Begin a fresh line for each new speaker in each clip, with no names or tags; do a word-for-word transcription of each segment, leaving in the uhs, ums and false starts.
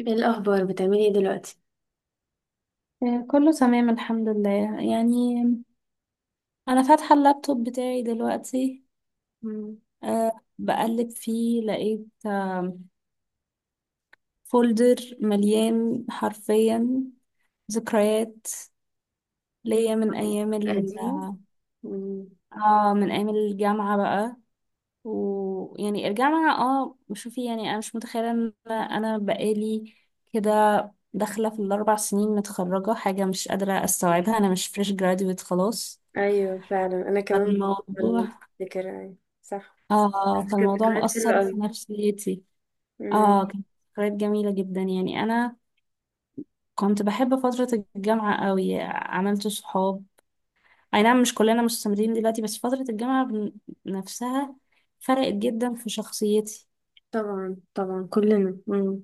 ايه الاخبار، بتعملي ايه دلوقتي؟
آه، كله تمام الحمد لله. يعني انا فاتحه اللابتوب بتاعي دلوقتي.
مم.
أه بقلب فيه، لقيت فولدر مليان حرفيا ذكريات ليا من ايام ال
قديمة. مم.
اه من ايام الجامعه بقى. ويعني الجامعه اه شوفي، يعني انا مش متخيله ان انا بقالي كده داخله في الاربع سنين متخرجه، حاجه مش قادره استوعبها، انا مش فريش جراديويت خلاص.
ايوه فعلا، انا كمان. انا
الموضوع
متذكرة، ايوه، صح. بس
اه
كانت
فالموضوع
ذكريات حلوة
مأثر في
قوي.
نفسيتي.
مم.
اه كانت ذكريات جميلة جدا. يعني أنا كنت بحب فترة الجامعة قوي، عملت صحاب، أي نعم مش كلنا مستمرين دلوقتي، بس فترة الجامعة بن- نفسها فرقت جدا في شخصيتي.
طبعا طبعا، كلنا. مم.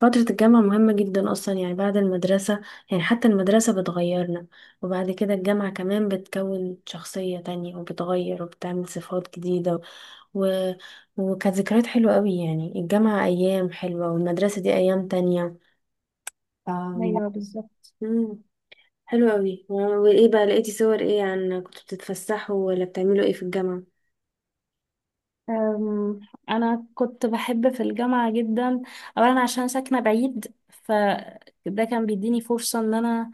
فترة الجامعة مهمة جدا أصلا، يعني بعد المدرسة. يعني حتى المدرسة بتغيرنا، وبعد كده الجامعة كمان بتكون شخصية تانية وبتغير وبتعمل صفات جديدة. و... وكانت ذكريات حلوة قوي، يعني الجامعة أيام حلوة والمدرسة دي أيام تانية.
ايوه بالظبط.
مم. حلو قوي. وايه بقى، لقيتي صور ايه؟ عن كنتوا بتتفسحوا ولا بتعملوا ايه في الجامعة؟
أم، انا كنت بحب في الجامعه جدا، اولا عشان ساكنه بعيد، فده كان بيديني فرصه ان انا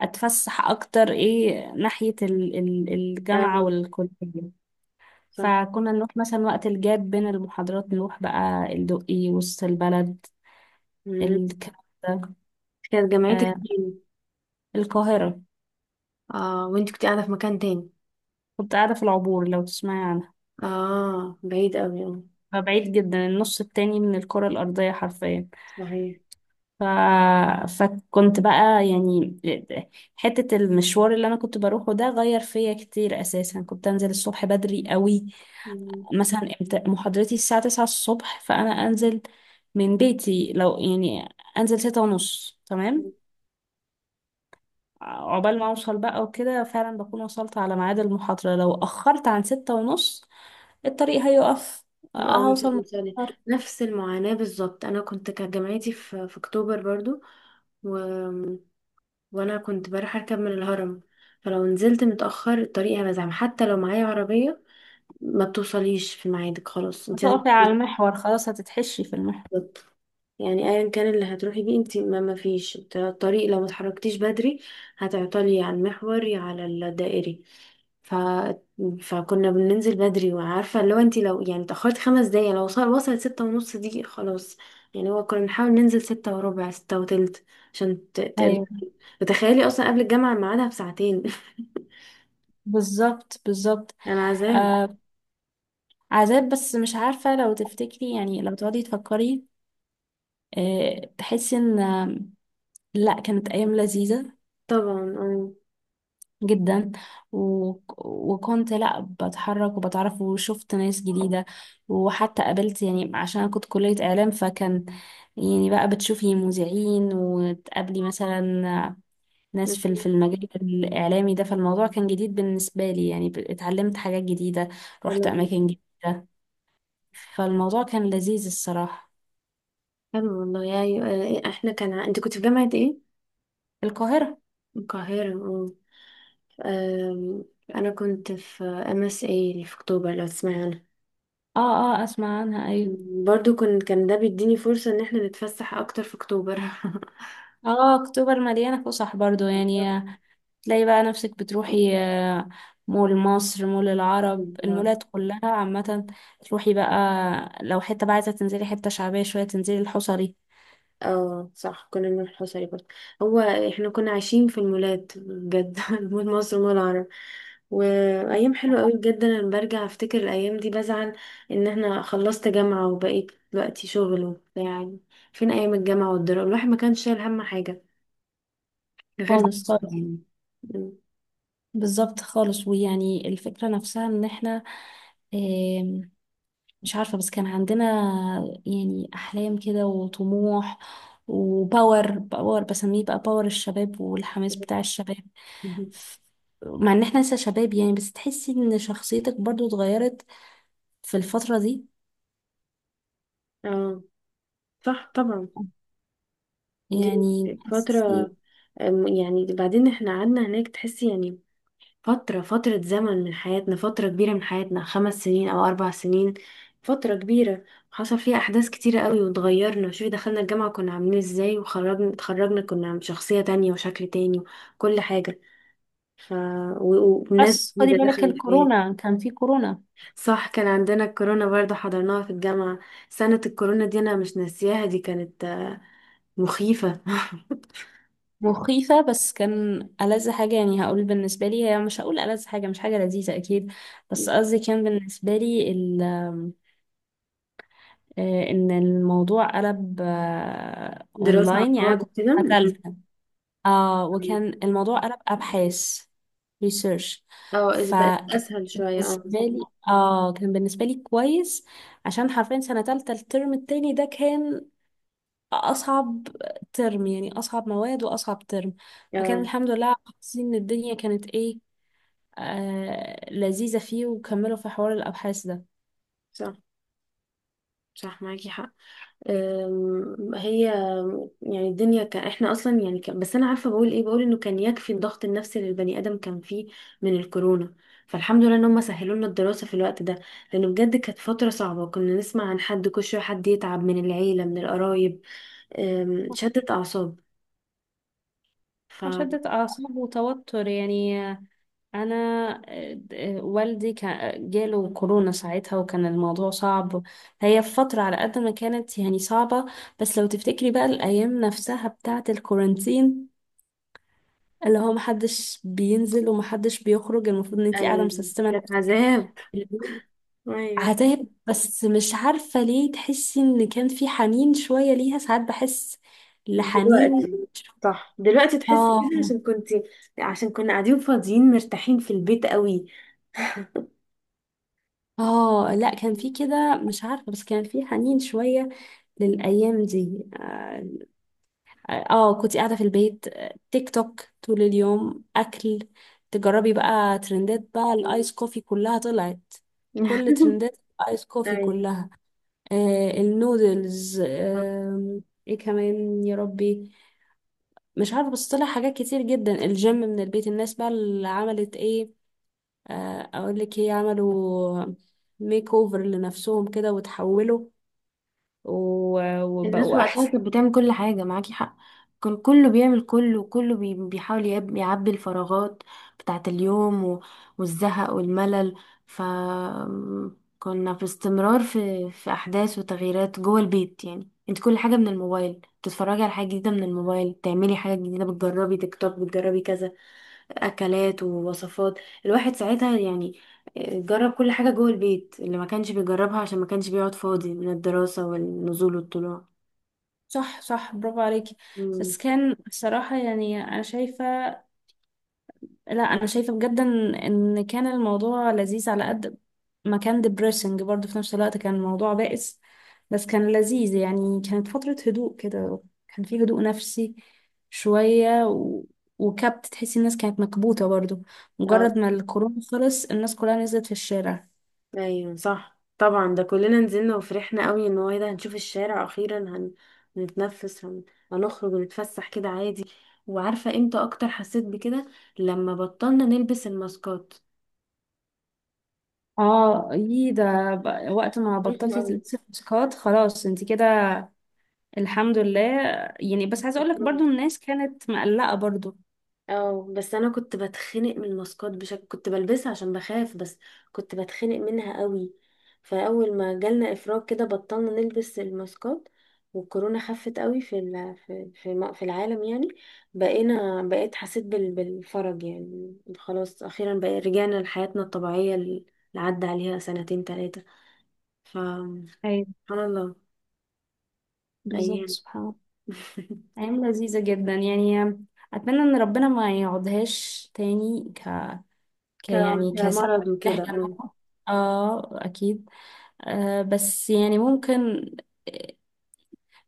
اتفسح اكتر، ايه ناحيه ال- ال- الجامعه
اه،
والكليه.
صح.
فكنا نروح مثلا وقت الجاب بين المحاضرات، نروح بقى الدقي، وسط البلد،
مم.
الكلام ده.
كانت جامعتك
آه،
فين؟
القاهرة.
اه، وانت كنت قاعدة في مكان تاني؟
كنت قاعدة في العبور، لو تسمعي عنها.
اه بعيد قوي، اه.
فبعيد جدا، النص التاني من الكرة الأرضية حرفيا.
صحيح.
ف... فكنت بقى يعني حتة المشوار اللي أنا كنت بروحه ده غير فيا كتير. أساسا كنت أنزل الصبح بدري قوي،
مم.
مثلا امت- محاضرتي الساعة تسعة الصبح، فأنا أنزل من بيتي، لو يعني أنزل ستة ونص تمام عقبال ما اوصل بقى وكده، فعلا بكون وصلت على ميعاد المحاضرة. لو اخرت عن ستة ونص، الطريق هيقف،
اه مش
هوصل
هتوصلي.
متأخر.
نفس المعاناة بالظبط، انا كنت كانت جامعتي في في اكتوبر برضو. و... وانا كنت بروح اركب من الهرم. فلو نزلت متأخر الطريق هبقى زحمة، حتى لو معايا عربية ما بتوصليش في ميعادك. خلاص، انت لازم
هتقفي على المحور، خلاص هتتحشي في المحور.
تنزلي. يعني ايا كان اللي هتروحي بيه انت، ما ما فيش الطريق، لو ما اتحركتيش بدري هتعطلي على المحوري، على الدائري. ف... فكنا بننزل بدري، وعارفه لو انت لو يعني اتاخرت خمس دقايق، لو وصل وصلت ستة ونص دي خلاص. يعني هو كنا بنحاول ننزل ستة وربع، ستة وتلت، عشان ت... ت...
ايوه
تتخيلي اصلا قبل الجامعه ميعادها بساعتين
بالظبط بالظبط.
يعني عذاب.
آه عذاب، بس مش عارفة، لو تفتكري يعني لو تقعدي تفكري، آه تحسي ان، آه، لا، كانت ايام لذيذة
طبعا، اه.
جدا. و... وكنت لا بتحرك وبتعرف وشفت ناس جديدة، وحتى قابلت، يعني عشان أنا كنت كلية إعلام، فكان يعني بقى بتشوفي مذيعين، وتقابلي مثلا ناس في في المجال الإعلامي ده. فالموضوع كان جديد بالنسبة لي، يعني ب- اتعلمت حاجات جديدة، رحت أماكن جديدة، فالموضوع كان لذيذ الصراحة.
حلو والله. يا ايوه، احنا كان، ع- انت كنت في جامعه ايه؟
القاهرة.
القاهره، آه. أم، انا كنت في ام اس اي اللي في اكتوبر، لو تسمعي عنها.
اه اه، اسمع عنها، ايوه.
برضو كنت، كان ده بيديني فرصة ان احنا نتفسح اكتر في اكتوبر
اه، اكتوبر مليانة فسح برضو. يعني تلاقي بقى نفسك بتروحي، آه، مول مصر، مول العرب، المولات كلها عامة. تروحي بقى، لو حتة بقى عايزة تنزلي حتة شعبية شوية، تنزلي الحصري.
اه صح، كنا من الحصري برضه. هو احنا كنا عايشين في المولات بجد مول مصر ومول العرب. وايام حلوه قوي بجد، انا لما برجع افتكر الايام دي بزعل ان احنا خلصت جامعه وبقيت دلوقتي شغل وبتاع يعني. فين ايام الجامعه والدراسه، الواحد ما كانش شايل هم حاجه غير
خالص
دراسته،
خالص.
يعني.
بالظبط خالص. ويعني الفكرة نفسها ان احنا، آم، مش عارفة، بس كان عندنا يعني أحلام كده وطموح، وباور باور بسميه بقى، باور الشباب والحماس بتاع الشباب.
مهم.
ف- مع ان احنا لسه شباب، يعني بس تحسي ان شخصيتك برضو اتغيرت في الفترة دي.
اه صح، طبعا. دي
يعني
فترة.
بحس،
أم، يعني بعدين احنا قعدنا هناك تحسي، يعني فترة فترة زمن من حياتنا، فترة كبيرة من حياتنا، خمس سنين أو أربع سنين، فترة كبيرة حصل فيها أحداث كتيرة قوي واتغيرنا. شوفي، دخلنا الجامعة كنا عاملين ازاي، وخرجنا اتخرجنا كنا عم- شخصية تانية وشكل تاني وكل حاجة. ف و- و- وناس
بس خدي
جديدة
بالك
دخلت الحياة.
الكورونا، كان في كورونا
صح، كان عندنا الكورونا برضه، حضرناها في الجامعة. سنة الكورونا دي أنا مش ناسياها، دي كانت مخيفة.
مخيفة. بس كان ألذ حاجة، يعني هقول بالنسبة لي، هي مش هقول ألذ حاجة، مش حاجة لذيذة أكيد، بس قصدي كان بالنسبة لي ال آه، إن الموضوع قلب آه،
دراسة عن
أونلاين، يعني أنا
بعد
كنت في
كده،
سنة
م-
تالتة. آه
م.
وكان الموضوع قلب أبحاث، ريسيرش.
اه، إذ بقت
فكان
أسهل شوية، اه.
بالنسبة لي آه كان بالنسبة لي كويس، عشان حرفيا سنة تالتة الترم التاني ده كان اصعب ترم، يعني اصعب مواد واصعب ترم. فكان
اه
الحمد لله، حاسين ان الدنيا كانت ايه آه لذيذة فيه، وكملوا في حوار الابحاث ده.
صح، صح معاكي حق. أم، هي يعني الدنيا كان احنا اصلا يعني كان، بس انا عارفه بقول ايه بقول انه كان يكفي الضغط النفسي اللي البني ادم كان فيه من الكورونا. فالحمد لله ان هم سهلوا لنا الدراسه في الوقت ده، لانه بجد كانت فتره صعبه، كنا نسمع عن حد كل شويه حد يتعب من العيله، من القرايب. أم، شدت اعصاب. ف
شدة اعصاب وتوتر، يعني انا آه، آه، والدي كان جاله كورونا ساعتها، وكان الموضوع صعب. هي فترة على قد ما كانت يعني صعبة، بس لو تفتكري بقى الايام نفسها بتاعة الكورانتين، اللي هو محدش بينزل ومحدش بيخرج، المفروض ان انتي قاعدة
أيوة،
مسيستمة.
كانت عذاب. ايوه.
عذاب، بس مش عارفة ليه تحسي ان كان في حنين شوية ليها، ساعات بحس لحنين.
دلوقتي. صح، دلوقتي تحسي كده،
اه
عشان كنت عشان كنا قاعدين فاضيين مرتاحين في البيت قوي.
اه، لا، كان في كده، مش عارفة، بس كان في حنين شوية للأيام دي. اه. آه، كنت قاعدة في البيت، آه، تيك توك طول اليوم، أكل، تجربي بقى ترندات بقى الآيس كوفي كلها طلعت، كل ترندات الآيس كوفي
ايوه،
كلها. آه النودلز.
صح.
آه ايه كمان يا ربي. مش عارفه، بس طلع حاجات كتير جدا، الجيم من البيت، الناس بقى اللي عملت ايه، آه، اقول لك ايه، عملوا ميك اوفر لنفسهم كده، وتحولوا و-
مفيش الناس أوي
وبقوا
وقتها
احسن.
كانت بتعمل كل حاجة. معاكي حق، كان كله بيعمل كله، وكله بي- بيحاول يعب- يعبي الفراغات بتاعة اليوم، و- والزهق والملل. ف كنا في استمرار في في أحداث وتغييرات جوه البيت. يعني انت كل حاجة من الموبايل، بتتفرجي على حاجة جديدة من الموبايل، بتعملي حاجة جديدة، بتجربي تيك توك، بتجربي كذا اكلات ووصفات. الواحد ساعتها يعني، آه، جرب كل حاجة جوه البيت اللي ما كانش بيجربها، عشان ما كانش بيقعد فاضي من الدراسة والنزول والطلوع.
صح صح، برافو عليكي.
مم.
بس كان بصراحة، يعني أنا شايفة، لا، انا شايفه بجد ان إن كان الموضوع لذيذ، على قد ما كان depressing برضه، في نفس الوقت كان الموضوع بائس، بس كان لذيذ. يعني كانت فتره هدوء كده، كان في هدوء نفسي شويه، و... وكبت، تحسي الناس كانت مكبوته برضه.
اه
مجرد ما الكورونا خلص، الناس كلها نزلت في الشارع.
ايوه، صح طبعا، ده كلنا نزلنا وفرحنا قوي ان هو ايه ده، هنشوف الشارع اخيرا، هن... هنتنفس، هن... هنخرج ونتفسح كده عادي. وعارفة امتى اكتر حسيت بكده، لما بطلنا نلبس الماسكات.
اه، يي ده، ب- وقت ما
رخم
بطلتي
أوي.
تلبسي ماسكات خلاص، انت كده الحمد لله. يعني بس عايزه اقول لك برضه،
رخم.
الناس كانت مقلقه برضه.
اه، بس انا كنت بتخنق من الماسكات بشكل، كنت بلبسها عشان بخاف، بس كنت بتخنق منها قوي. فاول ما جالنا افراج كده بطلنا نلبس الماسكات، والكورونا خفت قوي في ال- في في م- في العالم، يعني. بقينا بقيت حسيت بال- بالفرج، يعني خلاص اخيرا بقى رجعنا لحياتنا الطبيعية اللي عدى عليها سنتين، ثلاثة. فسبحان
ايوه
الله.
بالظبط،
ايام
سبحان الله. أيام لذيذة جدا، يعني أتمنى إن ربنا ما يقعدهاش تاني ك... ك...
ك-
يعني كسبب
كمرض
إن
وكده،
احنا
اه.
نقعد. اه، أكيد. آه بس يعني ممكن، آه،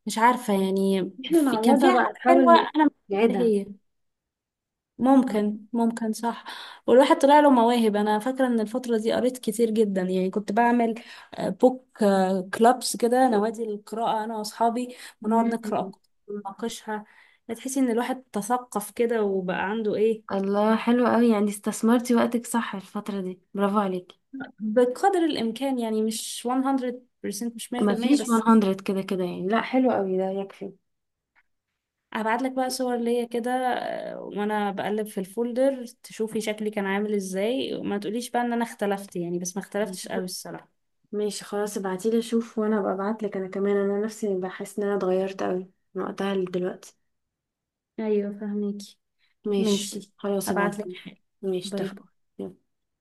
مش عارفة يعني
احنا
في... كان
نعوضها
فيها
بقى،
حاجة حلوة،
نحاول
أنا مش عارفة
نعيدها.
هي، ممكن ممكن، صح. والواحد طلع له مواهب، انا فاكره ان الفتره دي قريت كتير جدا، يعني كنت بعمل آه، بوك آه، كلابس كده، نوادي القراءه انا واصحابي،
مم.
ونقعد نقرا أفكار ونناقشها. تحسي ان الواحد تثقف كده، وبقى عنده ايه.
الله حلو قوي، يعني استثمرتي وقتك صح الفترة دي، برافو عليكي.
بقدر الامكان يعني، مش مية في المية، مش
ما
مية في المية
فيش
بس.
مية كده كده، يعني لا، حلو قوي ده يكفي.
هبعت لك بقى صور ليا كده، آه، وانا بقلب في الفولدر تشوفي شكلي كان عامل ازاي، وما تقوليش بقى ان انا اختلفت يعني، بس ما اختلفتش قوي الصراحه.
ماشي خلاص، ابعتيلي اشوف، وانا ابقى ابعتلك انا كمان. انا نفسي بحس ان انا اتغيرت قوي من وقتها لدلوقتي.
ايوه فهميكي،
ماشي
ماشي،
خلاص،
هبعتلك
ابعتيلي.
حاجة.
ماشي،
باي باي.
اتفقنا.